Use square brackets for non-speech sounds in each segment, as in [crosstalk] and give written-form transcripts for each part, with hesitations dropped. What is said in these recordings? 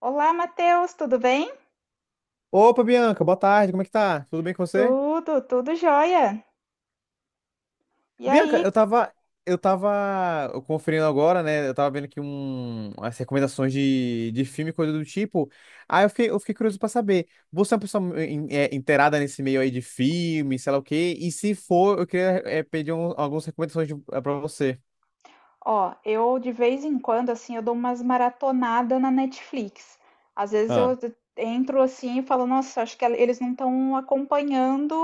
Olá, Matheus, tudo bem? Opa, Bianca, boa tarde, como é que tá? Tudo bem com você? Tudo, jóia. E Bianca, aí, eu tava conferindo agora, né? Eu tava vendo aqui as recomendações de filme, coisa do tipo. Aí eu fiquei curioso pra saber, você é uma pessoa inteirada nesse meio aí de filme, sei lá o quê? E se for, eu queria pedir algumas recomendações pra você. ó, eu de vez em quando, assim, eu dou umas maratonadas na Netflix. Às vezes Ah, eu entro assim e falo, nossa, acho que eles não estão acompanhando,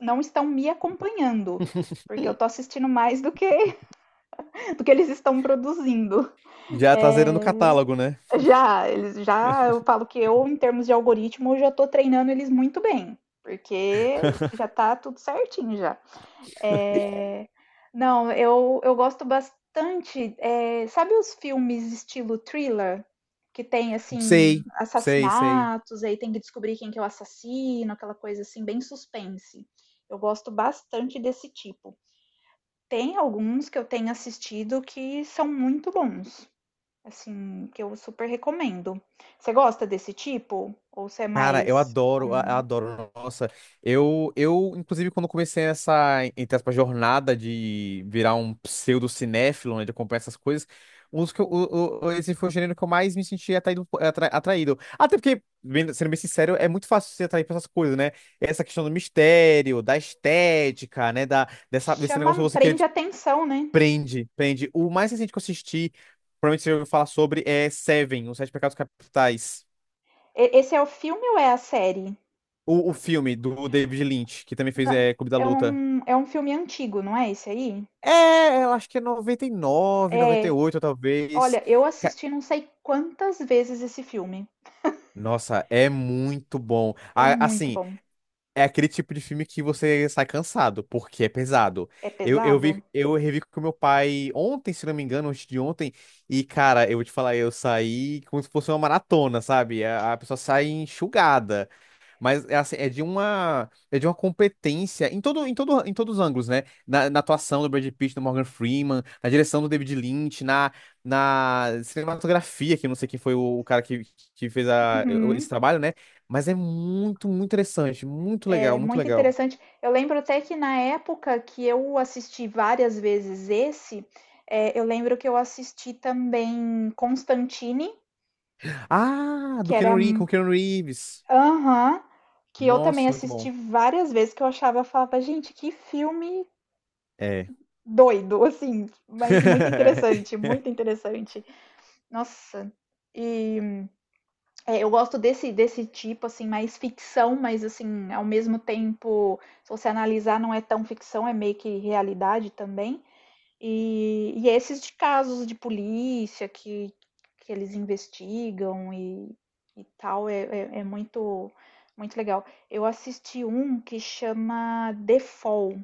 não estão me acompanhando, porque eu tô assistindo mais do que [laughs] do que eles estão produzindo. já tá zerando o É, catálogo, né? já, eles já, eu [laughs] falo que eu, em termos de algoritmo, eu já tô treinando eles muito bem, porque já tá tudo certinho já. É, não, eu gosto bastante. Sabe os filmes estilo thriller? Que tem, assim, Sei, sei, sei. assassinatos, aí tem que descobrir quem que é o assassino, aquela coisa assim, bem suspense. Eu gosto bastante desse tipo. Tem alguns que eu tenho assistido que são muito bons, assim, que eu super recomendo. Você gosta desse tipo? Ou você é Cara, eu mais. adoro, adoro. Nossa, eu, inclusive, quando comecei essa, entre aspas, jornada de virar um pseudo-cinéfilo, né, de acompanhar essas coisas, um dos que esse foi o gênero que eu mais me senti atraído. Até porque, sendo bem sincero, é muito fácil se atrair por essas coisas, né? Essa questão do mistério, da estética, né, desse negócio Chama, que você querer prende atenção, né? prende, prende. O mais recente que eu assisti, provavelmente você ouviu falar sobre, é Seven, Os Sete Pecados Capitais. E- Esse é o filme ou é a série? O filme do David Lynch, que também fez Na Clube da é Luta. um filme antigo, não é esse aí? É, eu acho que é 99, noventa e É, oito talvez. olha, eu Ca- assisti não sei quantas vezes esse filme. Nossa, é muito bom. É muito Assim, bom. é aquele tipo de filme que você sai cansado, porque é pesado. É Eu, eu vi, pesado? eu revi com meu pai ontem, se não me engano, antes de ontem, e, cara, eu vou te falar, eu saí como se fosse uma maratona, sabe? A pessoa sai enxugada. Mas é, assim, é de uma competência em todo em todo em todos os ângulos, né? Na atuação do Brad Pitt, do Morgan Freeman, na direção do David Lynch, na cinematografia, que eu não sei quem foi o cara que fez esse Uhum. trabalho, né? Mas é muito, muito interessante, muito legal, É muito muito legal. interessante. Eu lembro até que na época que eu assisti várias vezes esse, eu lembro que eu assisti também Constantine, Ah, que era com o Keanu Reeves. aham, que eu também Nossa, muito assisti bom. várias vezes, que eu achava, eu falava, gente, que filme É. doido, [laughs] assim, mas muito interessante, [laughs] muito interessante. Nossa. E é, eu gosto desse, desse tipo, assim, mais ficção, mas assim, ao mesmo tempo, se você analisar, não é tão ficção, é meio que realidade também. E é esses de casos de polícia que eles investigam e tal, é, é, é muito, muito legal. Eu assisti um que chama The Fall.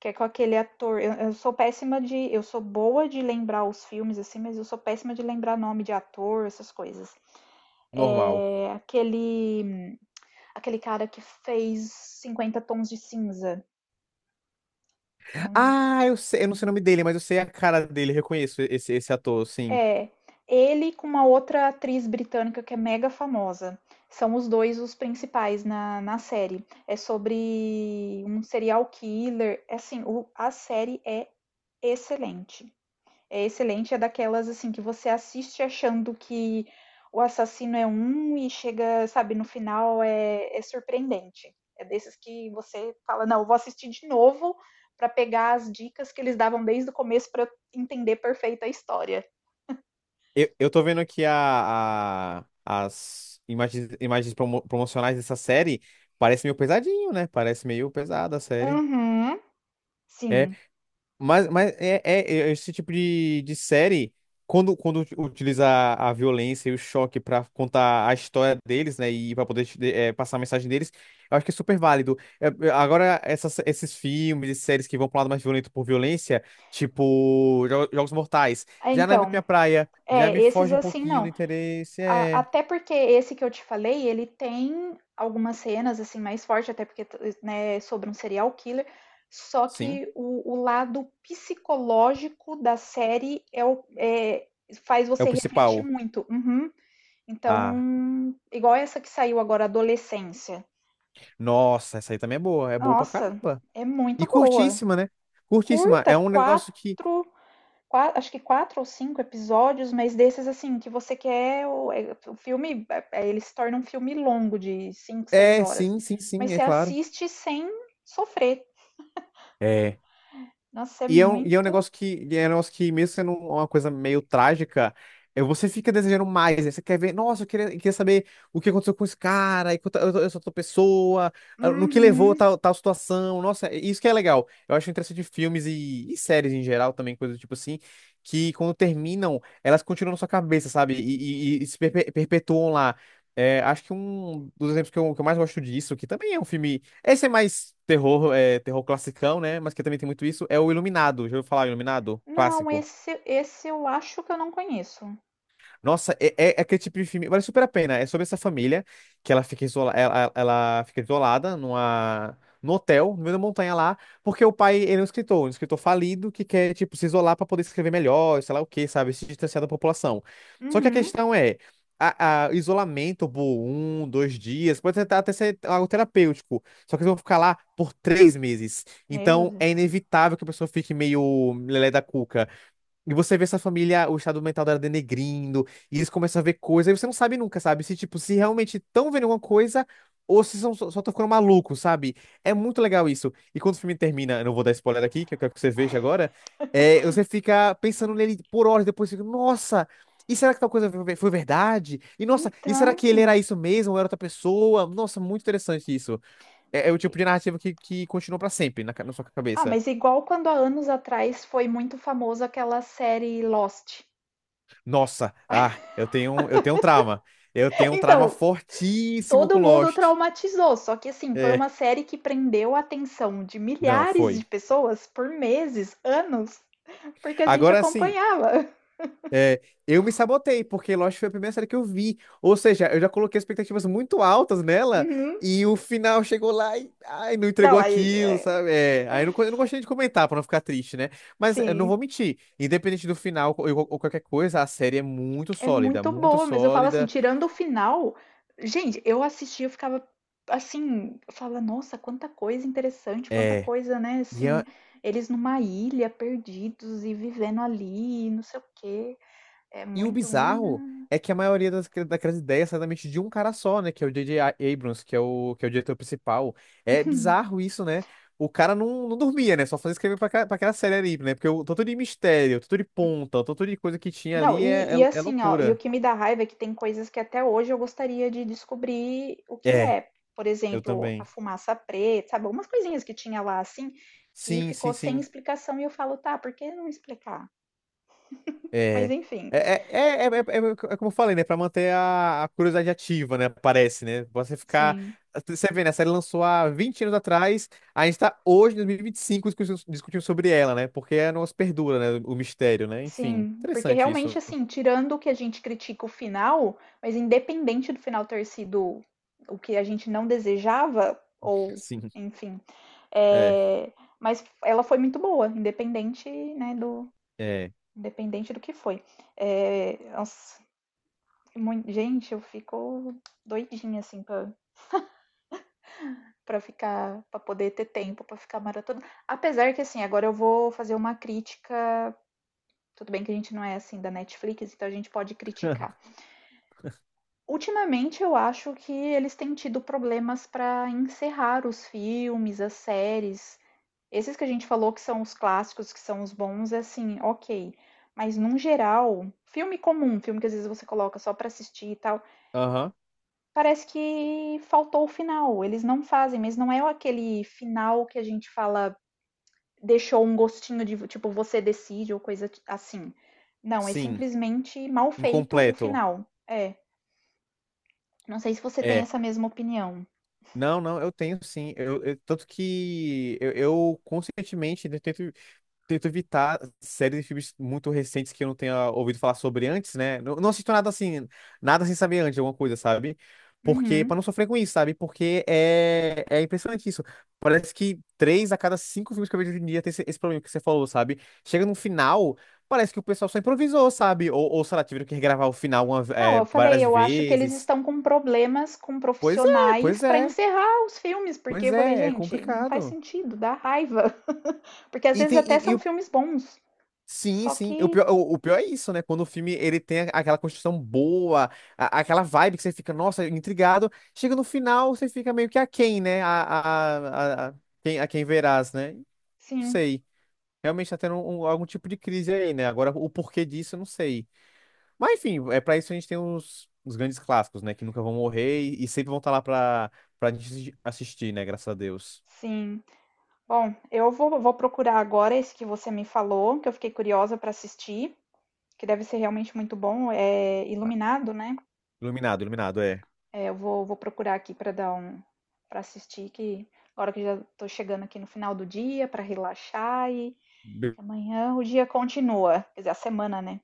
Que é com aquele ator. Eu sou péssima de. Eu sou boa de lembrar os filmes, assim, mas eu sou péssima de lembrar nome de ator, essas coisas. Normal. É aquele. Aquele cara que fez 50 tons de cinza. Eu não- Ah, eu sei, eu não sei o nome dele, mas eu sei a cara dele, reconheço esse ator, sim. É. Ele com uma outra atriz britânica que é mega famosa. São os dois os principais na, na série. É sobre um serial killer. É assim, o- a série é excelente. É excelente, é daquelas assim que você assiste achando que o assassino é um e chega, sabe, no final é, é surpreendente. É desses que você fala, não, eu vou assistir de novo pra pegar as dicas que eles davam desde o começo pra eu entender perfeita a história. Eu tô vendo aqui as imagens promocionais dessa série. Parece meio pesadinho, né? Parece meio pesada a série. Uhum, É, sim. mas é esse tipo de série, quando utiliza a violência e o choque pra contar a história deles, né, e pra poder passar a mensagem deles, eu acho que é super válido. É, é, agora, esses filmes e séries que vão pra um lado mais violento por violência, tipo Jogos Mortais, É, já não é muito minha então, praia, já é, me esses foge um assim pouquinho do não. interesse. A- É. Até porque esse que eu te falei, ele tem algumas cenas assim mais fortes, até porque né, é sobre um serial killer. Só Sim, que o lado psicológico da série é, o- é- faz é o você refletir principal. muito. Uhum. Ah, Então, igual essa que saiu agora, Adolescência. nossa, essa aí também é boa pra Nossa, caramba. é muito E boa. curtíssima, né? Curtíssima, Curta, é um negócio que. quatro qua- acho que quatro ou cinco episódios, mas desses assim, que você quer. O, é- o filme, é- é- ele se torna um filme longo, de cinco, seis É, horas. sim, sim, Mas sim, é você claro. assiste sem sofrer. É. Nossa, é E é um muito. negócio que, mesmo sendo uma coisa meio trágica, você fica desejando mais, né? Você quer ver, nossa, eu queria saber o que aconteceu com esse cara, e com essa outra pessoa, ah, no que levou a Uhum. Tal situação. Nossa, isso que é legal. Eu acho interessante de filmes e séries em geral também, coisas do tipo assim, que quando terminam, elas continuam na sua cabeça, sabe? E se perpetuam lá. É, acho que um dos exemplos que eu mais gosto disso, que também é um filme. Esse é mais terror, terror classicão, né? Mas que também tem muito isso. É o Iluminado. Já ouviu falar Iluminado? Não, Clássico. esse eu acho que eu não conheço. Nossa, é aquele tipo de filme. Vale super a pena. É sobre essa família que ela fica isolada num hotel, no meio da montanha lá, porque o pai ele é um escritor falido que quer, tipo, se isolar para poder escrever melhor, sei lá o quê, sabe? Se distanciar da população. Só que a Uhum. questão é. Isolamento por um, dois dias, pode tentar até ser algo terapêutico, só que eles vão ficar lá por 3 meses. Meu Então é Deus. inevitável que a pessoa fique meio lelé da cuca. E você vê essa família, o estado mental dela denegrindo, e eles começam a ver coisas, e você não sabe nunca, sabe? Se, tipo, se realmente estão vendo alguma coisa, ou se são, só estão ficando malucos, sabe? É muito legal isso. E quando o filme termina, eu não vou dar spoiler aqui, que eu quero que você veja agora, você fica pensando nele por horas, depois fica, nossa, e será que tal coisa foi verdade? E nossa, e será Então. que ele era isso mesmo, ou era outra pessoa? Nossa, muito interessante isso. É, é o tipo de narrativa que continua pra sempre na sua Ah, cabeça. mas igual quando há anos atrás foi muito famosa aquela série Lost. Nossa, ah, eu tenho um trauma. Eu [laughs] tenho um trauma Então, fortíssimo com todo mundo Lost. traumatizou, só que assim, foi É, uma série que prendeu a atenção de não, milhares de foi. pessoas por meses, anos, porque a gente Agora assim, acompanhava. [laughs] é, eu me sabotei, porque Lost foi a primeira série que eu vi. Ou seja, eu já coloquei expectativas muito altas nela Uhum. e o final chegou lá e ai, não entregou Não, aí, aquilo, é, sabe? É, aí eu não gostei de comentar pra não ficar triste, né? Mas eu não assim, vou mentir, independente do final ou qualquer coisa, a série é muito é sólida, muito muito boa, mas eu falo assim, sólida. tirando o final, gente, eu assistia, eu ficava assim, eu falava, nossa, quanta coisa interessante, quanta É. coisa, né, E assim, é. eles numa ilha, perdidos e vivendo ali, não sei o quê. É E o muito, muito. bizarro é que a maioria daquelas ideias sai da mente de um cara só, né? Que é o J.J. Abrams, que é o diretor principal. É bizarro isso, né? O cara não dormia, né? Só fazia escrever pra aquela série ali, né? Porque o tanto de mistério, o tanto de ponta, o tanto de coisa que tinha Não, ali é, e é, e é assim, ó, e o loucura. que me dá raiva é que tem coisas que até hoje eu gostaria de descobrir o que É, é. Por eu exemplo, a também. fumaça preta, sabe? Algumas coisinhas que tinha lá, assim, que Sim, ficou sim, sem sim. explicação e eu falo: "Tá, por que não explicar?". Mas É. enfim. É como eu falei, né? Pra manter a curiosidade ativa, né? Parece, né? Você ficar. Sim, Você vê, né? A série lançou há 20 anos atrás, a gente tá hoje, em 2025, discutindo sobre ela, né? Porque é nosso perdura, né? O mistério, né? Enfim, sim, porque interessante realmente, isso. assim, tirando o que a gente critica o final, mas independente do final ter sido o que a gente não desejava ou Sim. enfim, É, eh, mas ela foi muito boa, independente, né, do é. Independente do que foi. Nossa, mui gente, eu fico doidinha, assim, pra ficar pra poder ter tempo pra ficar maratona. Apesar que, assim, agora eu vou fazer uma crítica, tudo bem que a gente não é, assim, da Netflix, então a gente pode criticar. Ultimamente eu acho que eles têm tido problemas para encerrar os filmes, as séries. Esses que a gente falou que são os clássicos, que são os bons, é assim, ok. Mas num geral, filme comum, filme que às vezes você coloca só para assistir e tal, Aham. parece que faltou o final. Eles não fazem, mas não é aquele final que a gente fala, deixou um gostinho de, tipo, você decide ou coisa ti- assim. Não, é Sim. simplesmente mal feito o Incompleto. final. É. Não sei se você tem É. essa mesma opinião. Não, não, eu tenho sim. Tanto que eu conscientemente né, tento evitar séries e filmes muito recentes que eu não tenha ouvido falar sobre antes, né? Não, não assisto nada assim, nada sem saber antes de alguma coisa, sabe? Porque, pra Uhum. não sofrer com isso, sabe? Porque é impressionante isso. Parece que três a cada cinco filmes que eu vejo hoje em dia tem esse problema que você falou, sabe? Chega no final, parece que o pessoal só improvisou, sabe? Ou sei lá, tiveram que regravar o final Não, eu falei, várias eu acho que eles vezes. estão com problemas com Pois é, profissionais pois para é, encerrar os filmes, porque pois eu falei, é, é gente, não faz complicado. sentido, dá raiva. [laughs] Porque às E vezes tem, até e são o. filmes bons. Sim, Só sim. O que, pior, o pior é isso, né? Quando o filme ele tem aquela construção boa, aquela vibe que você fica, nossa, intrigado. Chega no final, você fica meio que aquém, né? A, a- a quem verás, né? Não sim, sei. Realmente tá tendo algum tipo de crise aí, né? Agora, o porquê disso, eu não sei. Mas, enfim, é pra isso a gente tem os grandes clássicos, né? Que nunca vão morrer e sempre vão estar lá pra gente assistir, né? Graças a Deus. sim. Bom, eu vou procurar agora esse que você me falou, que eu fiquei curiosa para assistir, que deve ser realmente muito bom, é Iluminado, né? Iluminado, iluminado, é. É, eu vou procurar aqui para dar um, para assistir, que agora que já tô chegando aqui no final do dia, para relaxar e amanhã o dia continua, quer dizer, a semana, né?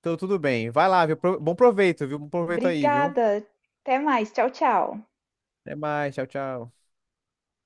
Então, tudo bem. Vai lá, viu? Bom proveito, viu? Bom proveito aí, viu? Obrigada. Até mais. Tchau, tchau. Até mais, tchau, tchau.